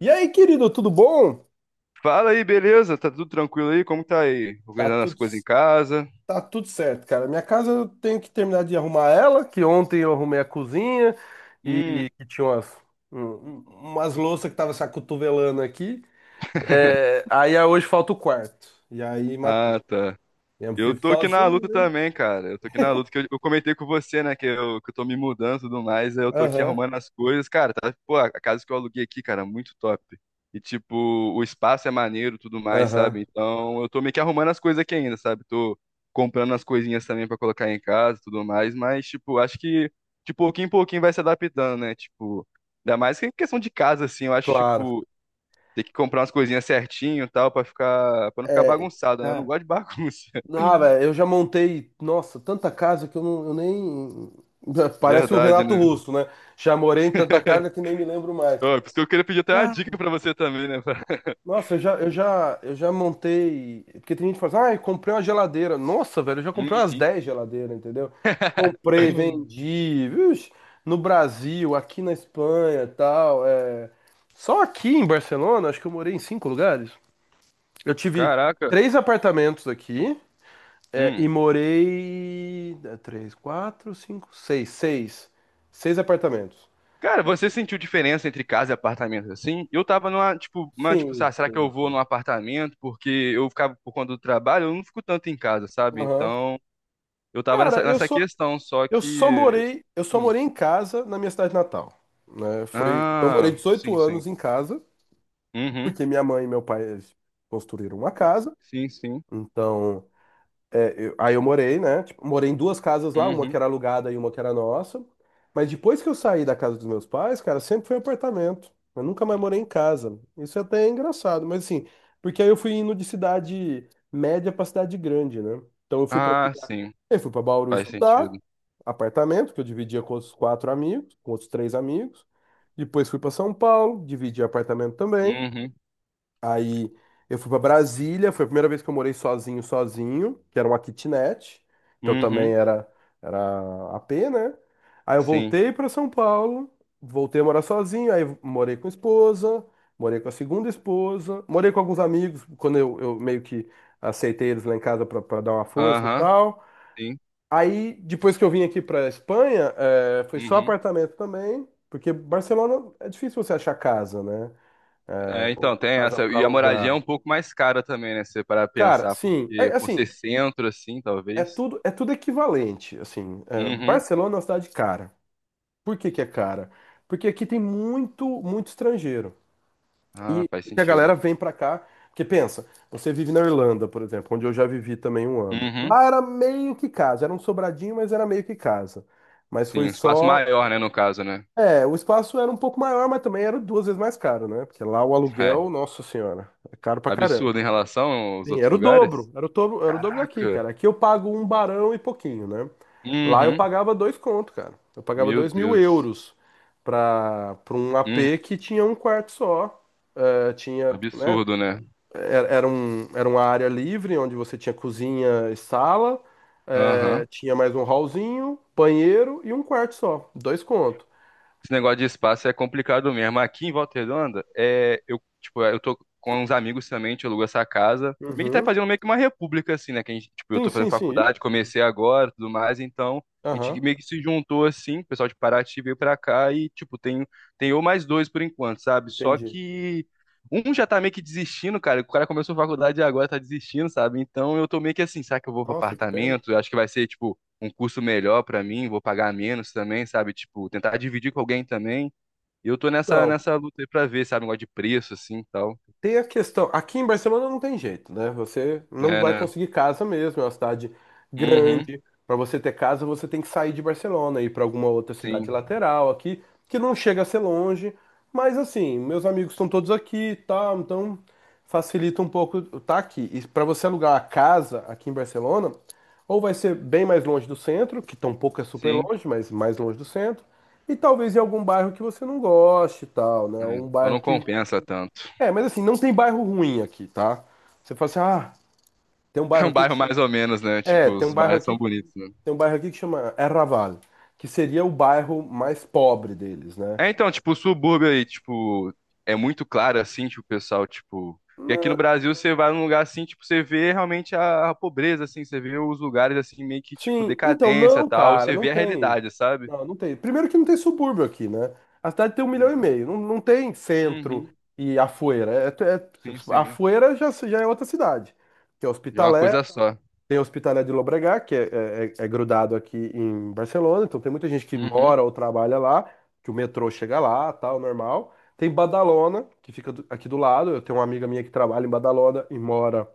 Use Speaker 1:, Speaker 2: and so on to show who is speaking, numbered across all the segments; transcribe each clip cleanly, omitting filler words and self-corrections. Speaker 1: E aí, querido, tudo bom?
Speaker 2: Fala aí, beleza? Tá tudo tranquilo aí? Como tá aí?
Speaker 1: Tá
Speaker 2: Organizando as
Speaker 1: tudo,
Speaker 2: coisas em casa?
Speaker 1: tá tudo certo, cara. Minha casa eu tenho que terminar de arrumar ela, que ontem eu arrumei a cozinha
Speaker 2: Hum,
Speaker 1: e que tinha um- um, umas louças que estavam se acotovelando aqui. É, aí hoje falta o quarto. E aí matou.
Speaker 2: ah, tá.
Speaker 1: Eu
Speaker 2: Eu
Speaker 1: vivo
Speaker 2: tô aqui na luta
Speaker 1: sozinho.
Speaker 2: também, cara. Eu tô aqui na luta que eu comentei com você, né? Que eu tô me mudando e tudo mais. Aí eu tô aqui
Speaker 1: Aham,
Speaker 2: arrumando as coisas. Cara, tá, pô, a casa que eu aluguei aqui, cara, muito top. E, tipo, o espaço é maneiro e tudo mais,
Speaker 1: aham,
Speaker 2: sabe? Então eu tô meio que arrumando as coisas aqui ainda, sabe? Tô comprando as coisinhas também pra colocar em casa e tudo mais. Mas, tipo, acho que de pouquinho em pouquinho vai se adaptando, né? Tipo, ainda mais que em questão de casa, assim. Eu acho,
Speaker 1: claro.
Speaker 2: tipo, ter que comprar umas coisinhas certinho e tal pra ficar, pra não ficar
Speaker 1: É,
Speaker 2: bagunçado, né? Eu não
Speaker 1: cara,
Speaker 2: gosto de bagunça.
Speaker 1: não, velho, eu já montei, nossa, tanta casa que eu, não, eu nem. Parece o
Speaker 2: Verdade,
Speaker 1: Renato
Speaker 2: né?
Speaker 1: Russo, né? Já morei em tanta casa que nem me lembro mais.
Speaker 2: Ó, por isso que eu queria pedir até uma dica pra você também, né?
Speaker 1: Nossa, eu já montei. Porque tem gente que fala assim, ah, eu comprei uma geladeira. Nossa, velho, eu já comprei umas
Speaker 2: Uhum.
Speaker 1: 10 geladeiras, entendeu? Comprei, vendi, viu? No Brasil, aqui na Espanha, tal. Só aqui em Barcelona, acho que eu morei em cinco lugares. Eu tive
Speaker 2: Caraca.
Speaker 1: três apartamentos aqui,
Speaker 2: Hum.
Speaker 1: e morei. Três, quatro, cinco, seis, seis. Seis apartamentos.
Speaker 2: Cara, você sentiu diferença entre casa e apartamento assim? Eu tava numa, tipo, uma, tipo,
Speaker 1: Sim,
Speaker 2: sabe, será que
Speaker 1: sim,
Speaker 2: eu vou
Speaker 1: sim.
Speaker 2: num apartamento? Porque eu ficava por conta do trabalho, eu não fico tanto em casa, sabe?
Speaker 1: Aham.
Speaker 2: Então, eu tava nessa,
Speaker 1: Cara,
Speaker 2: nessa questão, só
Speaker 1: Eu
Speaker 2: que.
Speaker 1: só
Speaker 2: eu-
Speaker 1: morei, eu só
Speaker 2: Hum.
Speaker 1: morei em casa na minha cidade natal, né? Foi, então eu morei
Speaker 2: Ah,
Speaker 1: 18
Speaker 2: sim, sim.
Speaker 1: anos em casa,
Speaker 2: Uhum.
Speaker 1: porque minha mãe e meu pai eles construíram uma casa.
Speaker 2: Sim, sim.
Speaker 1: Então, aí eu morei, né? Tipo, morei em duas casas lá, uma que
Speaker 2: Uhum.
Speaker 1: era alugada e uma que era nossa. Mas depois que eu saí da casa dos meus pais, cara, sempre foi apartamento. Eu nunca mais morei em casa. Isso até é engraçado, mas assim, porque aí eu fui indo de cidade média pra cidade grande, né? Então eu fui pra
Speaker 2: Ah,
Speaker 1: cidade.
Speaker 2: sim.
Speaker 1: Eu fui pra Bauru
Speaker 2: Faz
Speaker 1: estudar,
Speaker 2: sentido.
Speaker 1: apartamento, que eu dividia com outros quatro amigos, com outros três amigos. Depois fui pra São Paulo, dividi apartamento também.
Speaker 2: Uhum.
Speaker 1: Aí eu fui pra Brasília, foi a primeira vez que eu morei sozinho, sozinho, que era uma kitnet. Então também
Speaker 2: Uhum.
Speaker 1: era AP, né? Aí eu
Speaker 2: Sim.
Speaker 1: voltei pra São Paulo, voltei a morar sozinho, aí morei com a esposa, morei com a segunda esposa, morei com alguns amigos, quando eu meio que aceitei eles lá em casa pra dar uma força e
Speaker 2: Aham.
Speaker 1: tal.
Speaker 2: Sim.
Speaker 1: Aí depois que eu vim aqui pra Espanha, foi só
Speaker 2: Uhum.
Speaker 1: apartamento também, porque Barcelona é difícil você achar casa, né? É,
Speaker 2: É,
Speaker 1: ou
Speaker 2: então,
Speaker 1: ou
Speaker 2: tem
Speaker 1: casa
Speaker 2: essa.
Speaker 1: pra
Speaker 2: E a moradia é
Speaker 1: alugar.
Speaker 2: um pouco mais cara também, né? Se você parar pra
Speaker 1: Cara,
Speaker 2: pensar,
Speaker 1: sim, é
Speaker 2: porque por ser
Speaker 1: assim,
Speaker 2: centro, assim,
Speaker 1: é
Speaker 2: talvez.
Speaker 1: tudo é tudo equivalente, assim,
Speaker 2: Uhum.
Speaker 1: Barcelona é uma cidade cara. Por que que é cara? Porque aqui tem muito muito estrangeiro.
Speaker 2: Ah,
Speaker 1: E
Speaker 2: faz
Speaker 1: que a
Speaker 2: sentido.
Speaker 1: galera vem pra cá, que pensa, você vive na Irlanda, por exemplo, onde eu já vivi também um ano.
Speaker 2: Uhum.
Speaker 1: Lá era meio que casa, era um sobradinho, mas era meio que casa. Mas
Speaker 2: Sim,
Speaker 1: foi
Speaker 2: um espaço
Speaker 1: só,
Speaker 2: maior, né, no caso, né?
Speaker 1: o espaço era um pouco maior, mas também era duas vezes mais caro, né? Porque lá o
Speaker 2: É.
Speaker 1: aluguel, nossa senhora, é caro pra caramba.
Speaker 2: Absurdo em relação aos
Speaker 1: Sim,
Speaker 2: outros
Speaker 1: era o
Speaker 2: lugares.
Speaker 1: dobro, era o dobro, era o dobro daqui,
Speaker 2: Caraca.
Speaker 1: cara. Aqui eu pago um barão e pouquinho, né? Lá eu
Speaker 2: Uhum.
Speaker 1: pagava dois conto, cara. Eu pagava
Speaker 2: Meu
Speaker 1: dois mil
Speaker 2: Deus.
Speaker 1: euros pra um
Speaker 2: Uhum.
Speaker 1: AP que tinha um quarto só. Tinha, né?
Speaker 2: Absurdo, né?
Speaker 1: Era uma área livre onde você tinha cozinha e sala,
Speaker 2: Aham.
Speaker 1: tinha mais um hallzinho, banheiro e um quarto só. Dois conto.
Speaker 2: Esse negócio de espaço é complicado mesmo. Aqui em Volta Redonda, é, eu, tipo, eu tô com uns amigos também, a gente alugou essa casa. Meio que tá
Speaker 1: Uhum.
Speaker 2: fazendo meio que uma república, assim, né? Que a gente, tipo, eu
Speaker 1: Sim,
Speaker 2: tô fazendo
Speaker 1: sim, sim. Ih,
Speaker 2: faculdade, comecei agora, tudo mais, então a gente
Speaker 1: aham,
Speaker 2: meio que se juntou, assim, o pessoal de Paraty veio pra cá e, tipo, tem eu mais dois por enquanto, sabe? Só
Speaker 1: entendi.
Speaker 2: que um já tá meio que desistindo, cara. O cara começou a faculdade e agora tá desistindo, sabe? Então eu tô meio que assim, será que eu vou pro
Speaker 1: Nossa, que pena.
Speaker 2: apartamento? Eu acho que vai ser, tipo, um curso melhor pra mim, vou pagar menos também, sabe? Tipo, tentar dividir com alguém também. E eu tô nessa,
Speaker 1: Não.
Speaker 2: nessa luta aí pra ver, sabe? Um negócio de preço, assim, e tal.
Speaker 1: Tem a questão. Aqui em Barcelona não tem jeito, né? Você não
Speaker 2: É,
Speaker 1: vai
Speaker 2: né?
Speaker 1: conseguir casa mesmo. É uma cidade
Speaker 2: Uhum,
Speaker 1: grande. Para você ter casa, você tem que sair de Barcelona e ir para alguma outra cidade
Speaker 2: sim,
Speaker 1: lateral aqui, que não chega a ser longe. Mas assim, meus amigos estão todos aqui, e tal. Então facilita um pouco tá aqui. E para você alugar uma casa aqui em Barcelona, ou vai ser bem mais longe do centro, que tampouco é super
Speaker 2: sim.
Speaker 1: longe, mas mais longe do centro, e talvez em algum bairro que você não goste, e tal, né?
Speaker 2: É,
Speaker 1: Um
Speaker 2: então
Speaker 1: bairro
Speaker 2: não
Speaker 1: que
Speaker 2: compensa tanto.
Speaker 1: é, mas assim, não tem bairro ruim aqui, tá? Você fala assim, ah, tem um
Speaker 2: É
Speaker 1: bairro
Speaker 2: um
Speaker 1: aqui que
Speaker 2: bairro
Speaker 1: chama.
Speaker 2: mais ou menos, né?
Speaker 1: É,
Speaker 2: Tipo,
Speaker 1: tem um
Speaker 2: os
Speaker 1: bairro
Speaker 2: bairros são
Speaker 1: aqui,
Speaker 2: bonitos, né?
Speaker 1: tem um bairro aqui que chama Erraval, que seria o bairro mais pobre deles, né?
Speaker 2: É, então, tipo, o subúrbio aí, tipo, é muito claro, assim, tipo, o pessoal, tipo... E aqui no
Speaker 1: Na-
Speaker 2: Brasil, você vai num lugar assim, tipo, você vê realmente a pobreza, assim, você vê os lugares, assim, meio que, tipo,
Speaker 1: Sim, então
Speaker 2: decadência e
Speaker 1: não,
Speaker 2: tal,
Speaker 1: cara,
Speaker 2: você
Speaker 1: não
Speaker 2: vê a
Speaker 1: tem.
Speaker 2: realidade, sabe?
Speaker 1: Não, não tem. Primeiro que não tem subúrbio aqui, né? A cidade tem um milhão e
Speaker 2: É.
Speaker 1: meio. Não, não tem centro
Speaker 2: Uhum.
Speaker 1: e Afueira.
Speaker 2: Sim, sim.
Speaker 1: Afueira já, já é outra cidade. Que é
Speaker 2: Já é uma
Speaker 1: Hospitalet.
Speaker 2: coisa só.
Speaker 1: Tem a Hospitalet de Llobregat, que é grudado aqui em Barcelona, então tem muita gente que
Speaker 2: Uhum,
Speaker 1: mora ou trabalha lá, que o metrô chega lá, tal, normal. Tem Badalona, que fica aqui do lado, eu tenho uma amiga minha que trabalha em Badalona e mora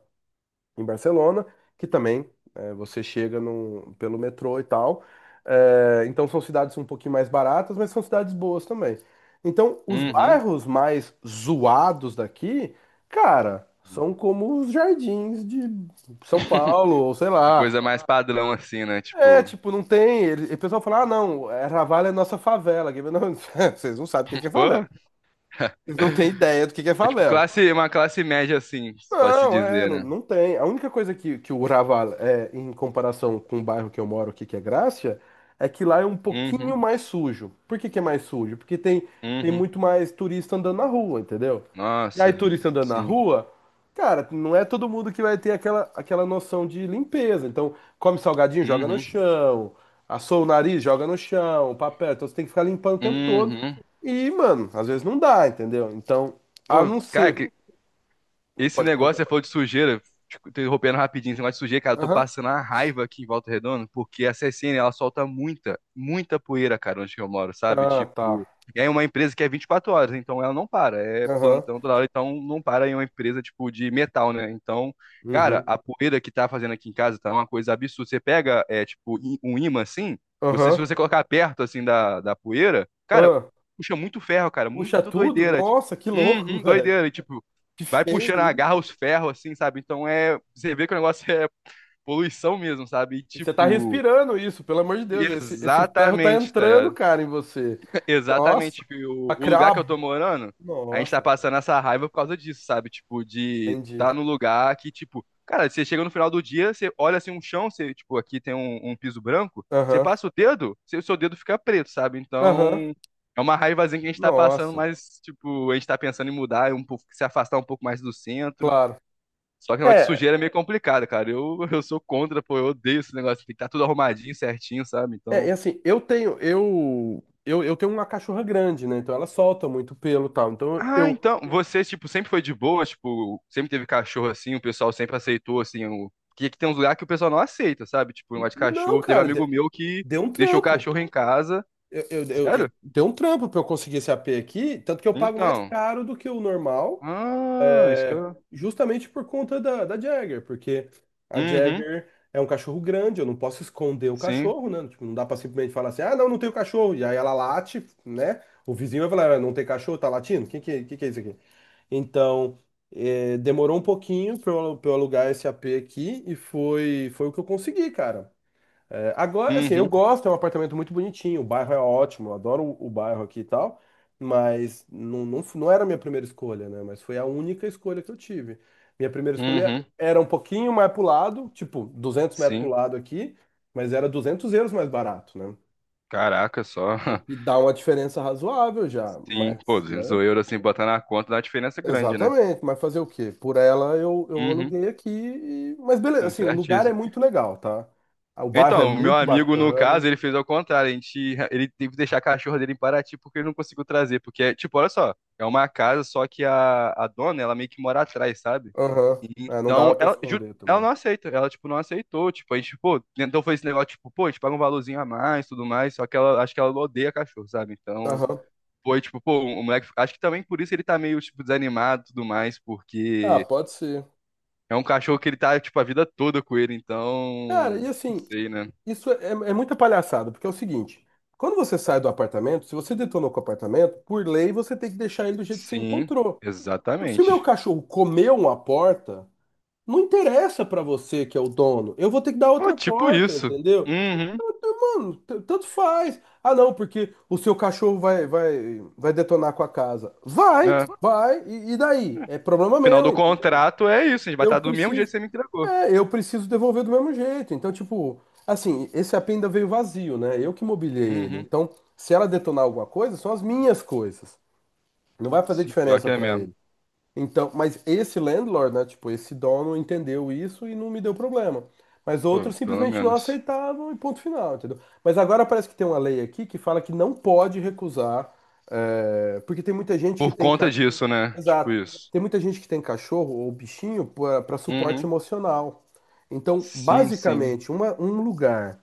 Speaker 1: em Barcelona, que também você chega pelo metrô e tal. Então são cidades um pouquinho mais baratas, mas são cidades boas também. Então, os
Speaker 2: uhum.
Speaker 1: bairros mais zoados daqui, cara, são como os jardins de São Paulo, ou sei
Speaker 2: Uma
Speaker 1: lá.
Speaker 2: coisa mais padrão, assim, né?
Speaker 1: É,
Speaker 2: Tipo,
Speaker 1: tipo, não tem. E o pessoal fala, ah, não, Raval é nossa favela. Aqui." mas não, vocês não sabem o que que é favela.
Speaker 2: pô,
Speaker 1: Vocês não têm ideia do que é
Speaker 2: é tipo
Speaker 1: favela.
Speaker 2: classe, uma classe média, assim, se pode se
Speaker 1: Não,
Speaker 2: dizer,
Speaker 1: não,
Speaker 2: né?
Speaker 1: não tem. A única coisa que o Raval é, em comparação com o bairro que eu moro aqui, que é Grácia, é que lá é um pouquinho
Speaker 2: Uhum,
Speaker 1: mais sujo. Por que que é mais sujo? Porque tem
Speaker 2: uhum.
Speaker 1: muito mais turista andando na rua, entendeu? E aí,
Speaker 2: Nossa,
Speaker 1: turista andando na
Speaker 2: sim.
Speaker 1: rua, cara, não é todo mundo que vai ter aquela noção de limpeza. Então, come salgadinho, joga no
Speaker 2: Uhum,
Speaker 1: chão, assou o nariz, joga no chão, papel. Então, você tem que ficar limpando o tempo todo.
Speaker 2: uhum.
Speaker 1: E, mano, às vezes não dá, entendeu? Então, a
Speaker 2: Pô,
Speaker 1: não
Speaker 2: cara,
Speaker 1: ser.
Speaker 2: esse
Speaker 1: Pode, pode
Speaker 2: negócio, você
Speaker 1: falar.
Speaker 2: falou de sujeira, te interrompendo rapidinho, esse negócio de sujeira, cara, eu tô
Speaker 1: Aham.
Speaker 2: passando a raiva aqui em Volta Redonda, porque a CSN, ela solta muita, muita poeira, cara, onde que eu moro, sabe?
Speaker 1: Ah, tá.
Speaker 2: Tipo, e aí é uma empresa que é 24 horas, então ela não para, é
Speaker 1: Aham.
Speaker 2: plantão toda hora, então não para em uma empresa, tipo, de metal, né? Então, cara,
Speaker 1: Uhum.
Speaker 2: a poeira que tá fazendo aqui em casa tá uma coisa absurda. Você pega, é, tipo, um imã assim, você, se
Speaker 1: Aham.
Speaker 2: você colocar perto, assim, da poeira, cara,
Speaker 1: Ah.
Speaker 2: puxa muito ferro, cara,
Speaker 1: Puxa
Speaker 2: muito
Speaker 1: tudo?
Speaker 2: doideira, tipo,
Speaker 1: Nossa, que louco,
Speaker 2: uhum,
Speaker 1: velho.
Speaker 2: doideira, e, tipo,
Speaker 1: Que
Speaker 2: vai puxando,
Speaker 1: feio
Speaker 2: agarra
Speaker 1: isso.
Speaker 2: os ferros, assim, sabe? Então é. Você vê que o negócio é poluição mesmo, sabe? E,
Speaker 1: E você tá
Speaker 2: tipo.
Speaker 1: respirando isso, pelo amor de Deus. Esse ferro tá
Speaker 2: Exatamente, tá
Speaker 1: entrando,
Speaker 2: ligado?
Speaker 1: cara, em você. Nossa.
Speaker 2: Exatamente. Que
Speaker 1: Pra
Speaker 2: O lugar que eu
Speaker 1: criar
Speaker 2: tô morando, a gente tá
Speaker 1: Nossa,
Speaker 2: passando essa raiva por causa disso, sabe? Tipo, de
Speaker 1: entendi.
Speaker 2: tá no lugar que, tipo, cara, você chega no final do dia, você olha assim um chão, você, tipo, aqui tem um piso branco, você
Speaker 1: Aham.
Speaker 2: passa o dedo, seu dedo fica preto, sabe?
Speaker 1: Aham.
Speaker 2: Então, é uma raivazinha que a gente tá passando,
Speaker 1: Nossa.
Speaker 2: mas, tipo, a gente tá pensando em mudar, um pouco, se afastar um pouco mais do centro.
Speaker 1: Claro.
Speaker 2: Só que o negócio de
Speaker 1: É,
Speaker 2: sujeira é meio complicado, cara. Eu, eu sou contra, pô, eu odeio esse negócio. Tem que estar tudo arrumadinho, certinho, sabe?
Speaker 1: é
Speaker 2: Então.
Speaker 1: assim, eu tenho uma cachorra grande, né? Então ela solta muito pelo e tal.
Speaker 2: Ah, então, você, tipo, sempre foi de boa, tipo, sempre teve cachorro assim, o pessoal sempre aceitou, assim, o... que que tem uns lugares que o pessoal não aceita, sabe? Tipo, o negócio de
Speaker 1: Não,
Speaker 2: cachorro. Teve
Speaker 1: cara,
Speaker 2: amigo meu que
Speaker 1: deu um
Speaker 2: deixou o
Speaker 1: trampo.
Speaker 2: cachorro em casa. Sério?
Speaker 1: Tem um trampo para eu conseguir esse AP aqui, tanto que eu pago mais
Speaker 2: Então.
Speaker 1: caro do que o normal,
Speaker 2: Ah, isso que
Speaker 1: é,
Speaker 2: eu.
Speaker 1: justamente por conta da Jagger, porque a
Speaker 2: Uhum,
Speaker 1: Jagger é um cachorro grande, eu não posso esconder o
Speaker 2: sim.
Speaker 1: cachorro, né? Tipo, não dá para simplesmente falar assim, ah, não, não tenho cachorro, e aí ela late, né? O vizinho vai falar, "Ah, não tem cachorro, tá latindo? Quem que é isso aqui? Então, demorou um pouquinho pra eu alugar esse AP aqui, e foi o que eu consegui, cara. É, agora, assim, eu
Speaker 2: Uhum,
Speaker 1: gosto, é um apartamento muito bonitinho, o bairro é ótimo, eu adoro o bairro aqui e tal, mas não, não, não era a minha primeira escolha, né? Mas foi a única escolha que eu tive. Minha primeira escolha
Speaker 2: uhum,
Speaker 1: era um pouquinho mais pro lado, tipo, 200 metros pro
Speaker 2: sim.
Speaker 1: lado aqui, mas era 200 euros mais barato, né?
Speaker 2: Caraca, só.
Speaker 1: O que dá uma diferença razoável já,
Speaker 2: Sim, pô,
Speaker 1: mas,
Speaker 2: 200
Speaker 1: né?
Speaker 2: euros, assim, botar na conta dá uma diferença grande, né?
Speaker 1: Exatamente, mas fazer o quê? Por ela eu
Speaker 2: Uhum,
Speaker 1: aluguei aqui, mas beleza,
Speaker 2: tá
Speaker 1: assim, o
Speaker 2: certo.
Speaker 1: lugar é muito legal, tá? O bairro é
Speaker 2: Então, o meu
Speaker 1: muito
Speaker 2: amigo, no
Speaker 1: bacana.
Speaker 2: caso, ele fez ao contrário. A gente, ele teve que deixar a cachorra dele em Paraty porque ele não conseguiu trazer. Porque, é, tipo, olha só, é uma casa, só que a dona, ela meio que mora atrás, sabe?
Speaker 1: Aham. É, não
Speaker 2: Então,
Speaker 1: dava pra
Speaker 2: ela, juro,
Speaker 1: esconder
Speaker 2: ela não
Speaker 1: também.
Speaker 2: aceita. Ela, tipo, não aceitou. Tipo, a gente, pô, então foi esse negócio, tipo, pô, a gente paga um valorzinho a mais, tudo mais. Só que ela, acho que ela odeia cachorro, sabe? Então,
Speaker 1: Aham.
Speaker 2: foi, tipo, pô, o moleque, acho que também por isso ele tá meio, tipo, desanimado e tudo mais,
Speaker 1: Ah,
Speaker 2: porque
Speaker 1: pode ser.
Speaker 2: é um cachorro que ele tá, tipo, a vida toda com ele. Então,
Speaker 1: Cara, e
Speaker 2: não
Speaker 1: assim,
Speaker 2: sei, né?
Speaker 1: isso é muita palhaçada, porque é o seguinte, quando você sai do apartamento, se você detonou com o apartamento, por lei você tem que deixar ele do jeito que você
Speaker 2: Sim,
Speaker 1: encontrou. Então, se o meu
Speaker 2: exatamente.
Speaker 1: cachorro comeu uma porta, não interessa pra você que é o dono, eu vou ter que dar
Speaker 2: Pô,
Speaker 1: outra
Speaker 2: tipo
Speaker 1: porta,
Speaker 2: isso.
Speaker 1: entendeu?
Speaker 2: Uhum.
Speaker 1: Mano, tanto faz. Ah, não, porque o seu cachorro vai detonar com a casa. Vai,
Speaker 2: É.
Speaker 1: vai, e daí? É problema
Speaker 2: Final
Speaker 1: meu,
Speaker 2: do
Speaker 1: entendeu?
Speaker 2: contrato é isso, a gente vai
Speaker 1: Eu
Speaker 2: estar do mesmo jeito
Speaker 1: preciso
Speaker 2: que você me entregou.
Speaker 1: eu preciso devolver do mesmo jeito. Então, tipo, assim, esse AP ainda veio vazio, né? Eu que mobiliei ele.
Speaker 2: Uhum.
Speaker 1: Então, se ela detonar alguma coisa, são as minhas coisas. Não vai fazer
Speaker 2: Sim, pior
Speaker 1: diferença
Speaker 2: que é
Speaker 1: pra
Speaker 2: mesmo.
Speaker 1: ele. Então, mas esse landlord, né? Tipo, esse dono entendeu isso e não me deu problema. Mas
Speaker 2: Pô,
Speaker 1: outros
Speaker 2: pelo
Speaker 1: simplesmente não
Speaker 2: menos.
Speaker 1: aceitavam e ponto final, entendeu? Mas agora parece que tem uma lei aqui que fala que não pode recusar, porque tem muita gente que
Speaker 2: Por
Speaker 1: tem.
Speaker 2: conta disso, né? Tipo
Speaker 1: Exato.
Speaker 2: isso.
Speaker 1: Tem muita gente que tem cachorro ou bichinho para suporte
Speaker 2: Uhum.
Speaker 1: emocional. Então,
Speaker 2: Sim, sim.
Speaker 1: basicamente, um lugar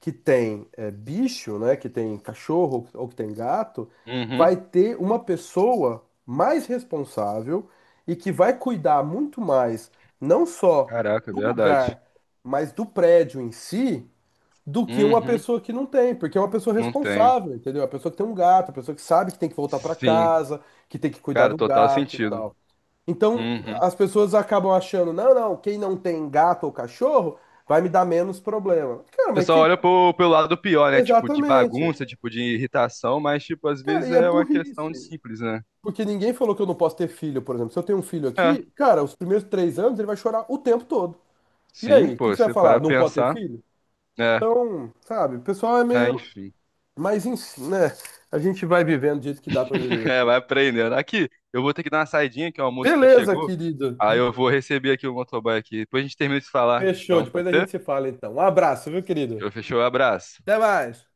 Speaker 1: que tem bicho, né, que tem cachorro ou que tem gato,
Speaker 2: Uhum.
Speaker 1: vai ter uma pessoa mais responsável e que vai cuidar muito mais, não só
Speaker 2: Caraca, é
Speaker 1: do
Speaker 2: verdade.
Speaker 1: lugar, mas do prédio em si, do que uma
Speaker 2: Uhum.
Speaker 1: pessoa que não tem, porque é uma pessoa
Speaker 2: Não tem.
Speaker 1: responsável, entendeu? A pessoa que tem um gato, a pessoa que sabe que tem que voltar para
Speaker 2: Sim.
Speaker 1: casa, que tem que cuidar
Speaker 2: Cara,
Speaker 1: do
Speaker 2: total
Speaker 1: gato e
Speaker 2: sentido.
Speaker 1: tal. Então,
Speaker 2: Uhum. O
Speaker 1: as pessoas acabam achando, não, não, quem não tem gato ou cachorro vai me dar menos problema. Cara, mas
Speaker 2: pessoal
Speaker 1: que
Speaker 2: olha pro, pelo lado pior, né? Tipo, de
Speaker 1: exatamente.
Speaker 2: bagunça, tipo, de irritação, mas, tipo, às
Speaker 1: Cara,
Speaker 2: vezes
Speaker 1: e é
Speaker 2: é uma questão de
Speaker 1: burrice.
Speaker 2: simples, né?
Speaker 1: Porque ninguém falou que eu não posso ter filho, por exemplo. Se eu tenho um filho
Speaker 2: É.
Speaker 1: aqui, cara, os primeiros 3 anos ele vai chorar o tempo todo. E
Speaker 2: Sim,
Speaker 1: aí, o que que
Speaker 2: pô,
Speaker 1: você vai
Speaker 2: você
Speaker 1: falar?
Speaker 2: para
Speaker 1: Não pode ter
Speaker 2: pensar.
Speaker 1: filho?
Speaker 2: É,
Speaker 1: Então, sabe, o pessoal é meio.
Speaker 2: enfim.
Speaker 1: Mas enfim, né? A gente vai vivendo do jeito que dá pra viver
Speaker 2: É,
Speaker 1: aqui.
Speaker 2: vai aprendendo. Aqui, eu vou ter que dar uma saidinha, que é o almoço aqui
Speaker 1: Beleza,
Speaker 2: chegou.
Speaker 1: querido.
Speaker 2: Aí eu vou receber aqui o motoboy aqui. Depois a gente termina de falar.
Speaker 1: Fechou.
Speaker 2: Então,
Speaker 1: Depois
Speaker 2: pode
Speaker 1: a gente
Speaker 2: ser?
Speaker 1: se fala, então. Um abraço, viu, querido?
Speaker 2: Fechou, fechou, abraço.
Speaker 1: Até mais.